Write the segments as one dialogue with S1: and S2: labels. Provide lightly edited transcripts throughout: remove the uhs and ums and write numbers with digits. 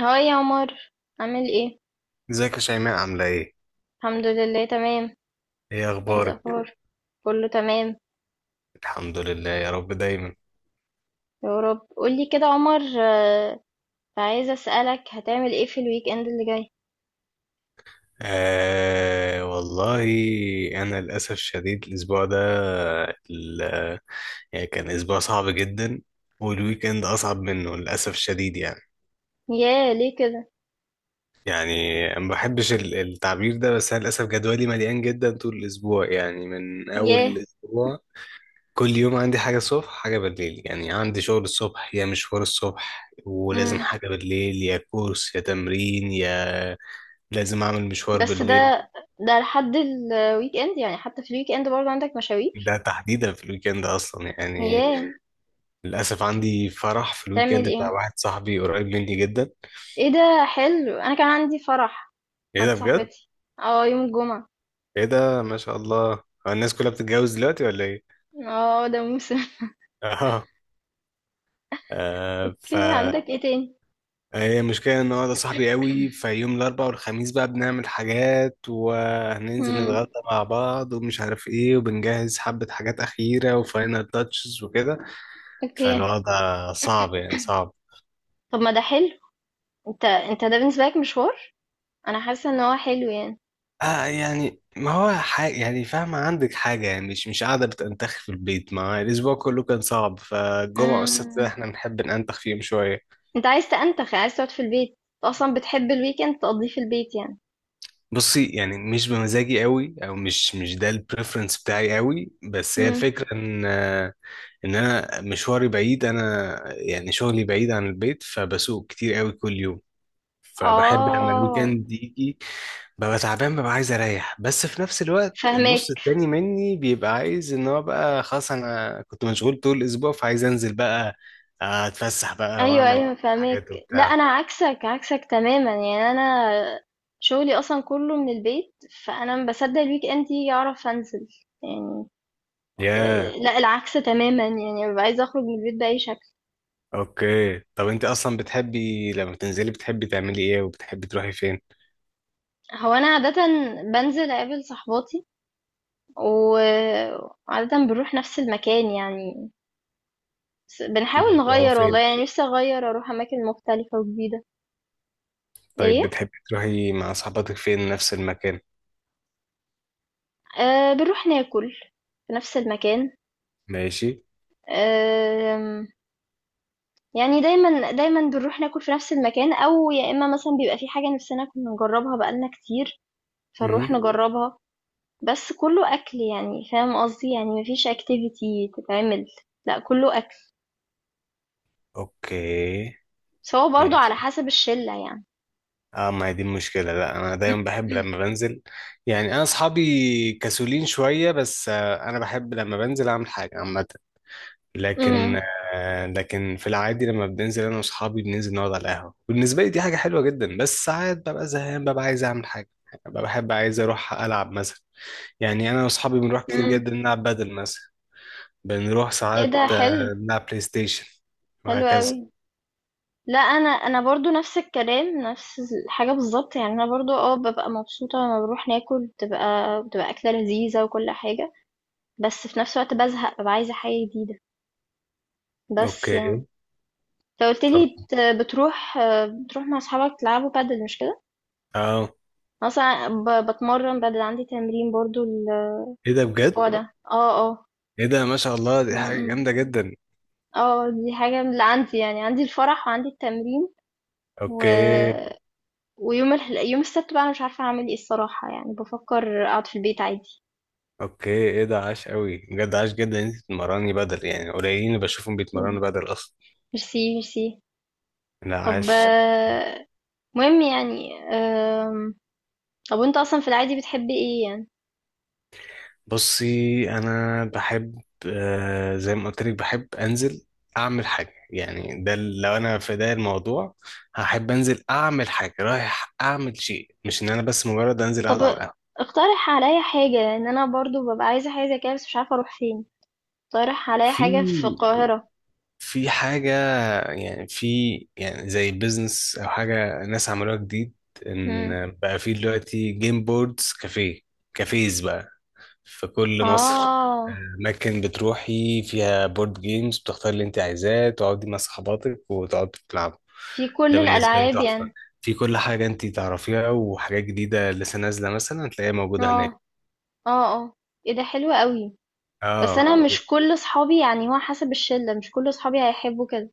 S1: هاي يا عمر، عامل ايه؟
S2: ازيك يا شيماء؟ عاملة ايه؟
S1: الحمد لله، تمام.
S2: ايه
S1: ايه
S2: اخبارك؟
S1: الاخبار؟ كله تمام.
S2: الحمد لله يا رب دايما.
S1: يا رب قولي كده يا عمر. عايزه اسالك، هتعمل ايه في الويك اند اللي جاي؟
S2: آه والله انا للاسف شديد الاسبوع ده ال- يعني كان اسبوع صعب جدا، والويك اند اصعب منه للاسف الشديد يعني.
S1: ياه، ليه كده؟
S2: يعني ما بحبش التعبير ده، بس انا للاسف جدولي مليان جدا طول الاسبوع، يعني من اول
S1: ياه.
S2: الاسبوع كل يوم عندي حاجة الصبح حاجة بالليل، يعني عندي شغل الصبح يا مشوار الصبح ولازم
S1: امم
S2: حاجة بالليل يا كورس يا تمرين يا لازم اعمل مشوار
S1: بس
S2: بالليل.
S1: ده لحد الويك اند؟ يعني حتى في الويك اند برضه عندك مشاوير؟
S2: ده تحديدا في الويكند اصلا يعني،
S1: ياه.
S2: للاسف عندي فرح في
S1: تعمل
S2: الويكند بتاع
S1: ايه؟
S2: واحد صاحبي قريب مني جدا.
S1: ايه ده، حلو. انا كان عندي فرح
S2: ايه
S1: عند
S2: ده بجد؟
S1: صاحبتي، اه، يوم الجمعه.
S2: ايه ده ما شاء الله، هو الناس كلها بتتجوز دلوقتي ولا ايه؟
S1: اه، ده موسم.
S2: اه، آه ف
S1: اوكي، عندك ايه تاني؟
S2: هي المشكله ان هو ده صاحبي قوي، فيوم الاربعاء والخميس بقى بنعمل حاجات وهننزل
S1: امم
S2: نتغدى مع بعض ومش عارف ايه، وبنجهز حبه حاجات اخيره وفاينل تاتشز وكده.
S1: اوكي،
S2: فالوضع صعب يعني، صعب.
S1: طب ما ده حلو. انت، ده بالنسبة لك مشوار. انا حاسة ان هو حلو يعني.
S2: آه يعني ما هو حاجة يعني، فاهمة؟ عندك حاجة يعني، مش مش قاعدة بتنتخ في البيت، ما الأسبوع كله كان صعب فالجمعة والسبت ده
S1: امم
S2: احنا بنحب ننتخ فيهم شوية.
S1: انت عايز تأنتخ، عايز تقعد في البيت، انت اصلا بتحب الويكند تقضيه في البيت يعني.
S2: بصي، يعني مش بمزاجي قوي أو مش ده البريفرنس بتاعي قوي، بس هي
S1: امم
S2: الفكرة إن إن أنا مشواري بعيد، أنا يعني شغلي بعيد عن البيت فبسوق كتير قوي كل يوم، فبحب لما
S1: اه،
S2: الويكند يجي ببقى تعبان ببقى عايز اريح، بس في نفس الوقت
S1: فهمك.
S2: النص التاني مني بيبقى عايز ان هو بقى خلاص انا كنت مشغول طول الاسبوع فعايز انزل بقى، اتفسح بقى
S1: ايوه،
S2: واعمل
S1: ايوه، فهمك.
S2: حاجات
S1: لا
S2: وبتاع.
S1: انا عكسك، عكسك تماما يعني. انا شغلي اصلا كله من البيت، فانا ما بصدق الويك اند يجي اعرف انزل يعني.
S2: ياه،
S1: إيه، لا العكس تماما، يعني ببقى عايزه اخرج من البيت باي شكل.
S2: اوكي طب انت اصلا بتحبي لما بتنزلي بتحبي تعملي ايه وبتحبي تروحي فين؟
S1: هو انا عاده بنزل اقابل صحباتي، وعادة بنروح نفس المكان يعني. بس بنحاول
S2: اللي هو
S1: نغير، والله
S2: فين؟
S1: يعني نفسي أغير أروح أماكن مختلفة وجديدة.
S2: طيب
S1: إيه.
S2: بتحبي تروحي مع صحباتك فين، نفس المكان؟
S1: أه، بنروح ناكل في نفس المكان.
S2: ماشي.
S1: أه. يعني دايما دايما بنروح ناكل في نفس المكان، أو يا إما مثلا بيبقى في حاجة نفسنا كنا نجربها بقالنا كتير، فنروح
S2: امم،
S1: نجربها. بس كله أكل، يعني فاهم قصدي؟ يعني مفيش اكتيفيتي تتعمل، لا كله أكل.
S2: اوكي،
S1: بس هو برضه على
S2: ماشي.
S1: حسب الشلة يعني.
S2: اه ما هي دي المشكلة، لا انا دايما بحب لما بنزل، يعني انا اصحابي كسولين شوية بس انا بحب لما بنزل اعمل حاجة عامة، لكن
S1: مم.
S2: لكن في العادي لما بننزل انا واصحابي بننزل نقعد على القهوة، بالنسبة لي دي حاجة حلوة جدا، بس ساعات ببقى زهقان ببقى عايز اعمل حاجة، ببقى بحب عايز اروح العب مثلا. يعني انا واصحابي بنروح كتير
S1: امم.
S2: جدا نلعب بدل مثلا، بنروح
S1: إيه
S2: ساعات
S1: ده، اه حلو.
S2: نلعب بلاي ستيشن
S1: حلو
S2: وهكذا.
S1: قوي. لا، انا برضو نفس الكلام، نفس الحاجه بالظبط يعني. انا برضو اه ببقى مبسوطه لما بروح ناكل، بتبقى اكله لذيذه وكل حاجه. بس في نفس الوقت بزهق، ببقى عايزه حاجه جديده بس يعني.
S2: اوكي
S1: فقلت
S2: طب،
S1: لي بتروح بتروح مع اصحابك تلعبوا بادل، مش كده؟
S2: اه.
S1: أنا اصلا بتمرن بادل، عندي تمرين برضو
S2: ايه ده بجد؟
S1: الاسبوع بجد ده، اه، اه.
S2: ايه ده ما شاء الله
S1: م-
S2: دي حاجة
S1: م.
S2: جامدة جدا.
S1: اه، دي حاجه من اللي عندي يعني، عندي الفرح وعندي التمرين. و
S2: اوكي.
S1: طب حلو. ويوم يوم السبت بقى، أنا مش عارفة أعمل إيه الصراحة، يعني بفكر أقعد في البيت عادي.
S2: اوكي ايه ده عاش قوي بجد، عاش جدا إن انت بتتمرني بدل، يعني قليلين اللي بشوفهم
S1: مم.
S2: بيتمرنوا بدل اصلا.
S1: ميرسي، ميرسي.
S2: لا
S1: طب.
S2: عاش.
S1: مهم يعني. طب، وأنت أصلا في العادي بتحبي إيه يعني؟ مم.
S2: بصي انا بحب آه زي ما قلت لك بحب انزل اعمل حاجه، يعني ده لو انا في ده الموضوع هحب انزل اعمل حاجه، رايح اعمل شيء مش ان انا بس مجرد انزل اقعد على
S1: طب
S2: القهوه.
S1: اقترح عليا حاجة، لأن أنا برضو ببقى عايزة حاجة زي كده بس مش عارفة أروح فين. اقترح عليا حاجة في
S2: في،
S1: القاهرة.
S2: في حاجة، يعني في يعني زي البيزنس أو حاجة ناس عملوها جديد،
S1: مم.
S2: إن بقى في دلوقتي جيم بوردز كافيه، كافيز بقى في كل مصر،
S1: آه،
S2: أماكن بتروحي فيها بورد جيمز بتختاري اللي أنت عايزاه تقعدي مع صحباتك وتقعدوا تلعبوا.
S1: في كل
S2: ده بالنسبة لي
S1: الألعاب
S2: تحفة،
S1: يعني؟
S2: في كل حاجة أنت تعرفيها وحاجات جديدة لسه نازلة مثلا هتلاقيها موجودة هناك.
S1: آه، آه، آه، إيه ده حلو قوي. بس أنا،
S2: اه
S1: اه مش كل صحابي يعني، هو حسب الشلة، مش كل صحابي هيحبوا كده.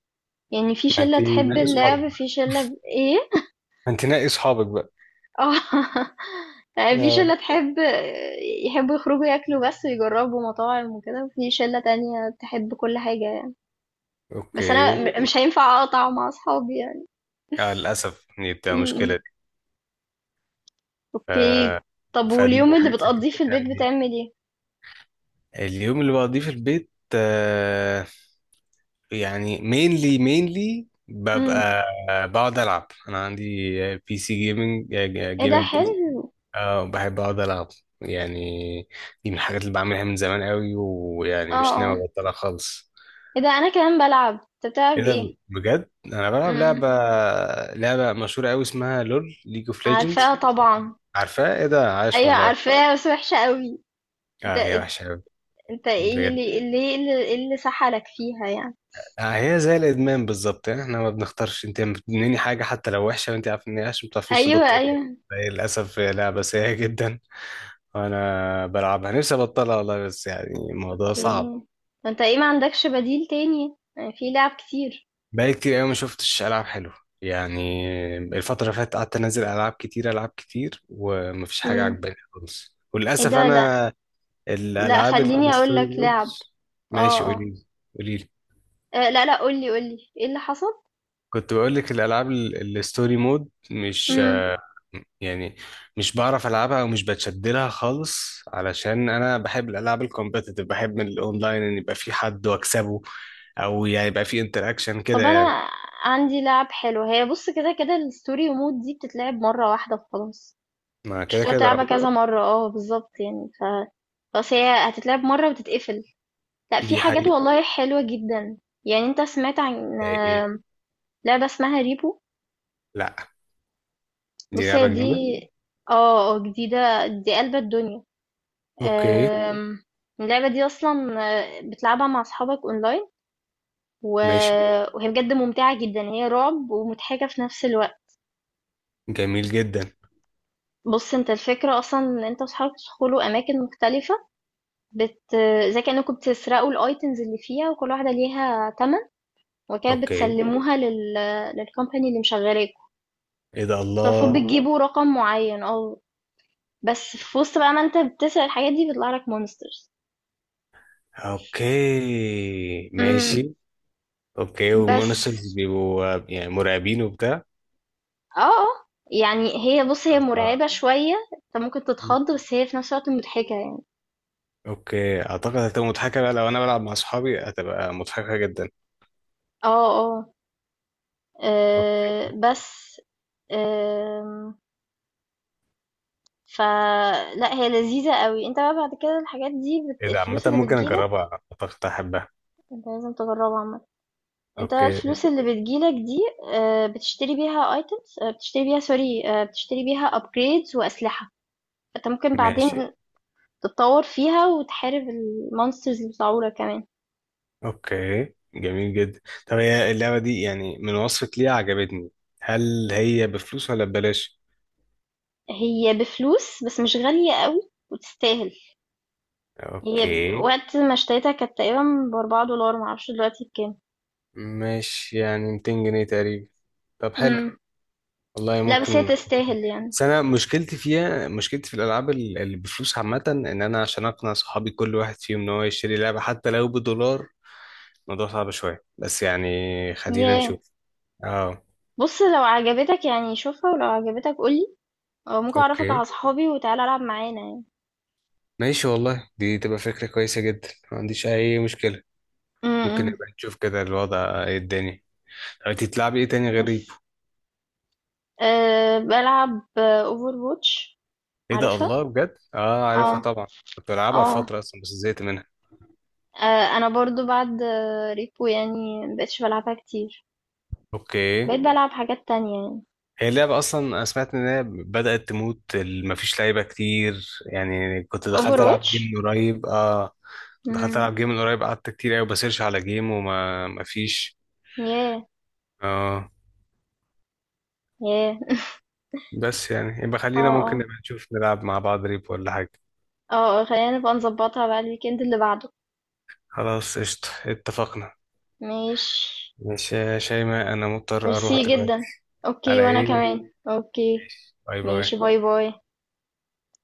S1: يعني في
S2: ما أنت
S1: شلة تحب ماشي
S2: نقي صحابك
S1: اللعب، في
S2: بقى،
S1: شلة ايه.
S2: ما أنت نقي صحابك بقى.
S1: اه. في
S2: آه.
S1: شلة تحب يحبوا يخرجوا ياكلوا بس ويجربوا مطاعم وكده، وفي شلة تانية تحب كل حاجة يعني. بس انا
S2: أوكي.
S1: مش هينفع اقطع مع اصحابي يعني.
S2: آه للأسف دي بتبقى
S1: م-م.
S2: مشكلة دي. آه،
S1: اوكي. طب،
S2: فدي
S1: واليوم اللي
S2: حاجة زي كده
S1: بتقضيه في
S2: بتعمل
S1: البيت
S2: إيه؟
S1: بتعمل ايه؟
S2: اليوم اللي بقضيه في البيت آه، يعني مينلي
S1: م.
S2: ببقى بقعد ألعب، أنا عندي بي سي جيمنج،
S1: ايه ده
S2: جيمنج بي سي.
S1: حلو.
S2: آه بحب أقعد ألعب، يعني دي من الحاجات اللي بعملها من زمان قوي ويعني
S1: اه،
S2: مش
S1: اه،
S2: ناوي أبطلها خالص.
S1: ايه ده انا كمان بلعب. انت
S2: إيه
S1: بتلعب
S2: ده
S1: ايه؟
S2: بجد؟ أنا بلعب
S1: م.
S2: لعبة، لعبة مشهورة قوي اسمها لول، ليج اوف
S1: عارفاها
S2: ليجندز.
S1: طبعا.
S2: عارفاها؟ إيه ده عايش
S1: ايوه
S2: والله.
S1: عارفاها، بس وحشة قوي.
S2: اه هي وحشة.
S1: انت ايه
S2: بجد،
S1: اللي اللي ايه اللي إيه اللي سحلك فيها يعني؟
S2: هي زي الادمان بالظبط، يعني احنا ما بنختارش، انت بتدمني حاجه حتى لو وحشه وانت عارف ان هي وحشه ما بتعرفيش
S1: ايوه،
S2: تبطليها،
S1: ايوه،
S2: فهي للاسف هي لعبه سيئه جدا، وانا بلعبها نفسي ابطلها والله بس يعني الموضوع صعب.
S1: اوكي. انت ايه ما عندكش بديل تاني يعني، في لعب كتير.
S2: بقالي كتير قوي ما شفتش العاب حلوه يعني، الفتره اللي فاتت قعدت انزل العاب كتير، العاب كتير، ومفيش حاجه
S1: امم
S2: عجباني خالص،
S1: ايه
S2: وللاسف
S1: ده. لا،
S2: انا
S1: لا
S2: الالعاب
S1: خليني اقول
S2: الستوري
S1: لك لعب.
S2: مودز. ماشي
S1: اه،
S2: قولي
S1: اه،
S2: لي، قولي لي.
S1: لا لا، قولي قولي ايه اللي حصل.
S2: كنت بقول لك الالعاب الستوري مود مش
S1: امم
S2: يعني مش بعرف العبها او مش بتشد لها خالص، علشان انا بحب الالعاب الكومبتيتيف، بحب من الاونلاين ان يبقى في حد واكسبه، او يعني يبقى في انتراكشن كده
S1: طب
S2: يعني.
S1: انا عندي لعب حلو. هي بص، كده كده الستوري مود دي بتتلعب مرة واحدة وخلاص.
S2: ما
S1: مش
S2: كده
S1: هتقعد
S2: كده
S1: تلعبها
S2: آه.
S1: كذا مرة، اه بالظبط يعني بس هي هتتلعب مرة وتتقفل. لا، في
S2: دي
S1: حاجات
S2: حقيقة.
S1: والله حلوة جدا. يعني انت سمعت عن
S2: زي ايه؟
S1: لعبة اسمها ريبو؟
S2: لا، دي
S1: بص هي
S2: لعبة
S1: دي جديدة
S2: جديدة.
S1: عليا، اه، جديدة. دي قلب الدنيا. اوكي.
S2: اوكي
S1: آم، اللعبة دي أصلا بتلعبها مع أصحابك أونلاين، و...
S2: ماشي،
S1: وهي بجد ممتعة جدا، هي رعب ومضحكة في نفس الوقت.
S2: جميل جدا.
S1: بص انت، الفكرة أصلا إن انت وأصحابك تدخلوا أماكن مختلفة، زي كأنكم بتسرقوا الأيتمز اللي فيها، وكل واحدة ليها تمن، وكده
S2: اوكي
S1: بتسلموها للكومباني اللي مشغلاكوا.
S2: ايه ده
S1: فالمفروض
S2: الله.
S1: بتجيبوا رقم معين، اه. بس في وسط بقى، ما انت بتسرق الحاجات دي بيطلع لك مونسترز.
S2: اوكي
S1: إمم،
S2: ماشي. اوكي
S1: بس
S2: والمونسترز بيبقوا يعني مرعبين وبتاع.
S1: آه، آه، يعني هي، بُص، هي مرعبة شوية، أنت ممكن
S2: الله.
S1: تتخض بس هي في نفس الوقت مضحكة يعني.
S2: اوكي اعتقد هتبقى مضحكه بقى، لو انا بلعب مع اصحابي هتبقى مضحكه جدا.
S1: آه، آه،
S2: اوكي
S1: بس، آمم، فلأ هي لذيذة أوي. أنت بقى بعد كده الحاجات دي،
S2: ايه ده، عامه
S1: الفلوس اللي
S2: ممكن
S1: بتيجي لك.
S2: اجربها اعتقد هحبها.
S1: أنت لازم تجربها عامةً. أنت بقى
S2: اوكي
S1: الفلوس اللي بتيجي لك دي، بتشتري بيها items، بتشتري بيها sorry، بتشتري بيها upgrades وأسلحة، فأنت ممكن
S2: ماشي.
S1: بعدين تتطور فيها وتحارب الmonsters اللي بيطلعوا لك كمان.
S2: اوكي جميل جدا، طب هي اللعبه دي يعني من وصفك ليها عجبتني، هل هي بفلوس ولا ببلاش؟
S1: هي بفلوس بس مش غالية قوي، وتستاهل. هي
S2: اوكي،
S1: وقت ما اشتريتها كانت تقريبا بـ4 دولار، معرفش دلوقتي بكام.
S2: مش يعني 200 جنيه تقريبا؟ طب حلو،
S1: امم
S2: والله
S1: لا، بس هي
S2: ممكن.
S1: تستاهل يعني.
S2: بس انا مشكلتي فيها، مشكلتي في الالعاب اللي بفلوس عامه، ان انا عشان اقنع صحابي كل واحد فيهم ان هو يشتري لعبه حتى لو بدولار الموضوع صعب شوية، بس يعني خلينا
S1: ياه.
S2: نشوف. اه.
S1: بص لو عجبتك يعني شوفها، ولو عجبتك قولي، أو ممكن أعرفك
S2: اوكي
S1: على صحابي وتعالى ألعب معانا يعني.
S2: ماشي والله، دي تبقى فكرة كويسة جدا، ما عنديش أي مشكلة، ممكن
S1: امم
S2: نبقى نشوف كده الوضع ايه الدنيا. طب انتي بتلعبي ايه تاني غير
S1: بس
S2: ريبو؟
S1: أه، بلعب اوفر واتش.
S2: ايه ده
S1: عارفها.
S2: الله بجد، اه عارفها
S1: اه،
S2: طبعا. كنت بلعبها في
S1: اه،
S2: فترة اصلا بس زهقت منها.
S1: انا برضو بعد ريبو يعني مبقتش بلعبها كتير،
S2: اوكي.
S1: بقيت بلعب حاجات تانية يعني.
S2: هي اللعبة أصلا أنا سمعت إن هي بدأت تموت مفيش لعيبة كتير، يعني كنت
S1: اوفر
S2: دخلت ألعب جيم
S1: واتش.
S2: من قريب اه، دخلت ألعب جيم من قريب قعدت كتير أوي بسيرش على جيم وما مفيش.
S1: ياه،
S2: اه.
S1: ياه.
S2: بس يعني يبقى خلينا
S1: اه،
S2: ممكن
S1: اه،
S2: نبقى نشوف نلعب مع بعض ريب ولا حاجة.
S1: اه، خلينا نبقى نظبطها بقى الويكند اللي بعده.
S2: خلاص قشطة، اتفقنا.
S1: ماشي.
S2: ماشي يا شيماء، أنا مضطر
S1: ميرسي،
S2: أروح
S1: خلاص جدا.
S2: دلوقتي.
S1: اوكي،
S2: على
S1: وانا حبيبي،
S2: إيه؟
S1: كمان حبيبي، اوكي.
S2: باي باي.
S1: ماشي، باي باي باي.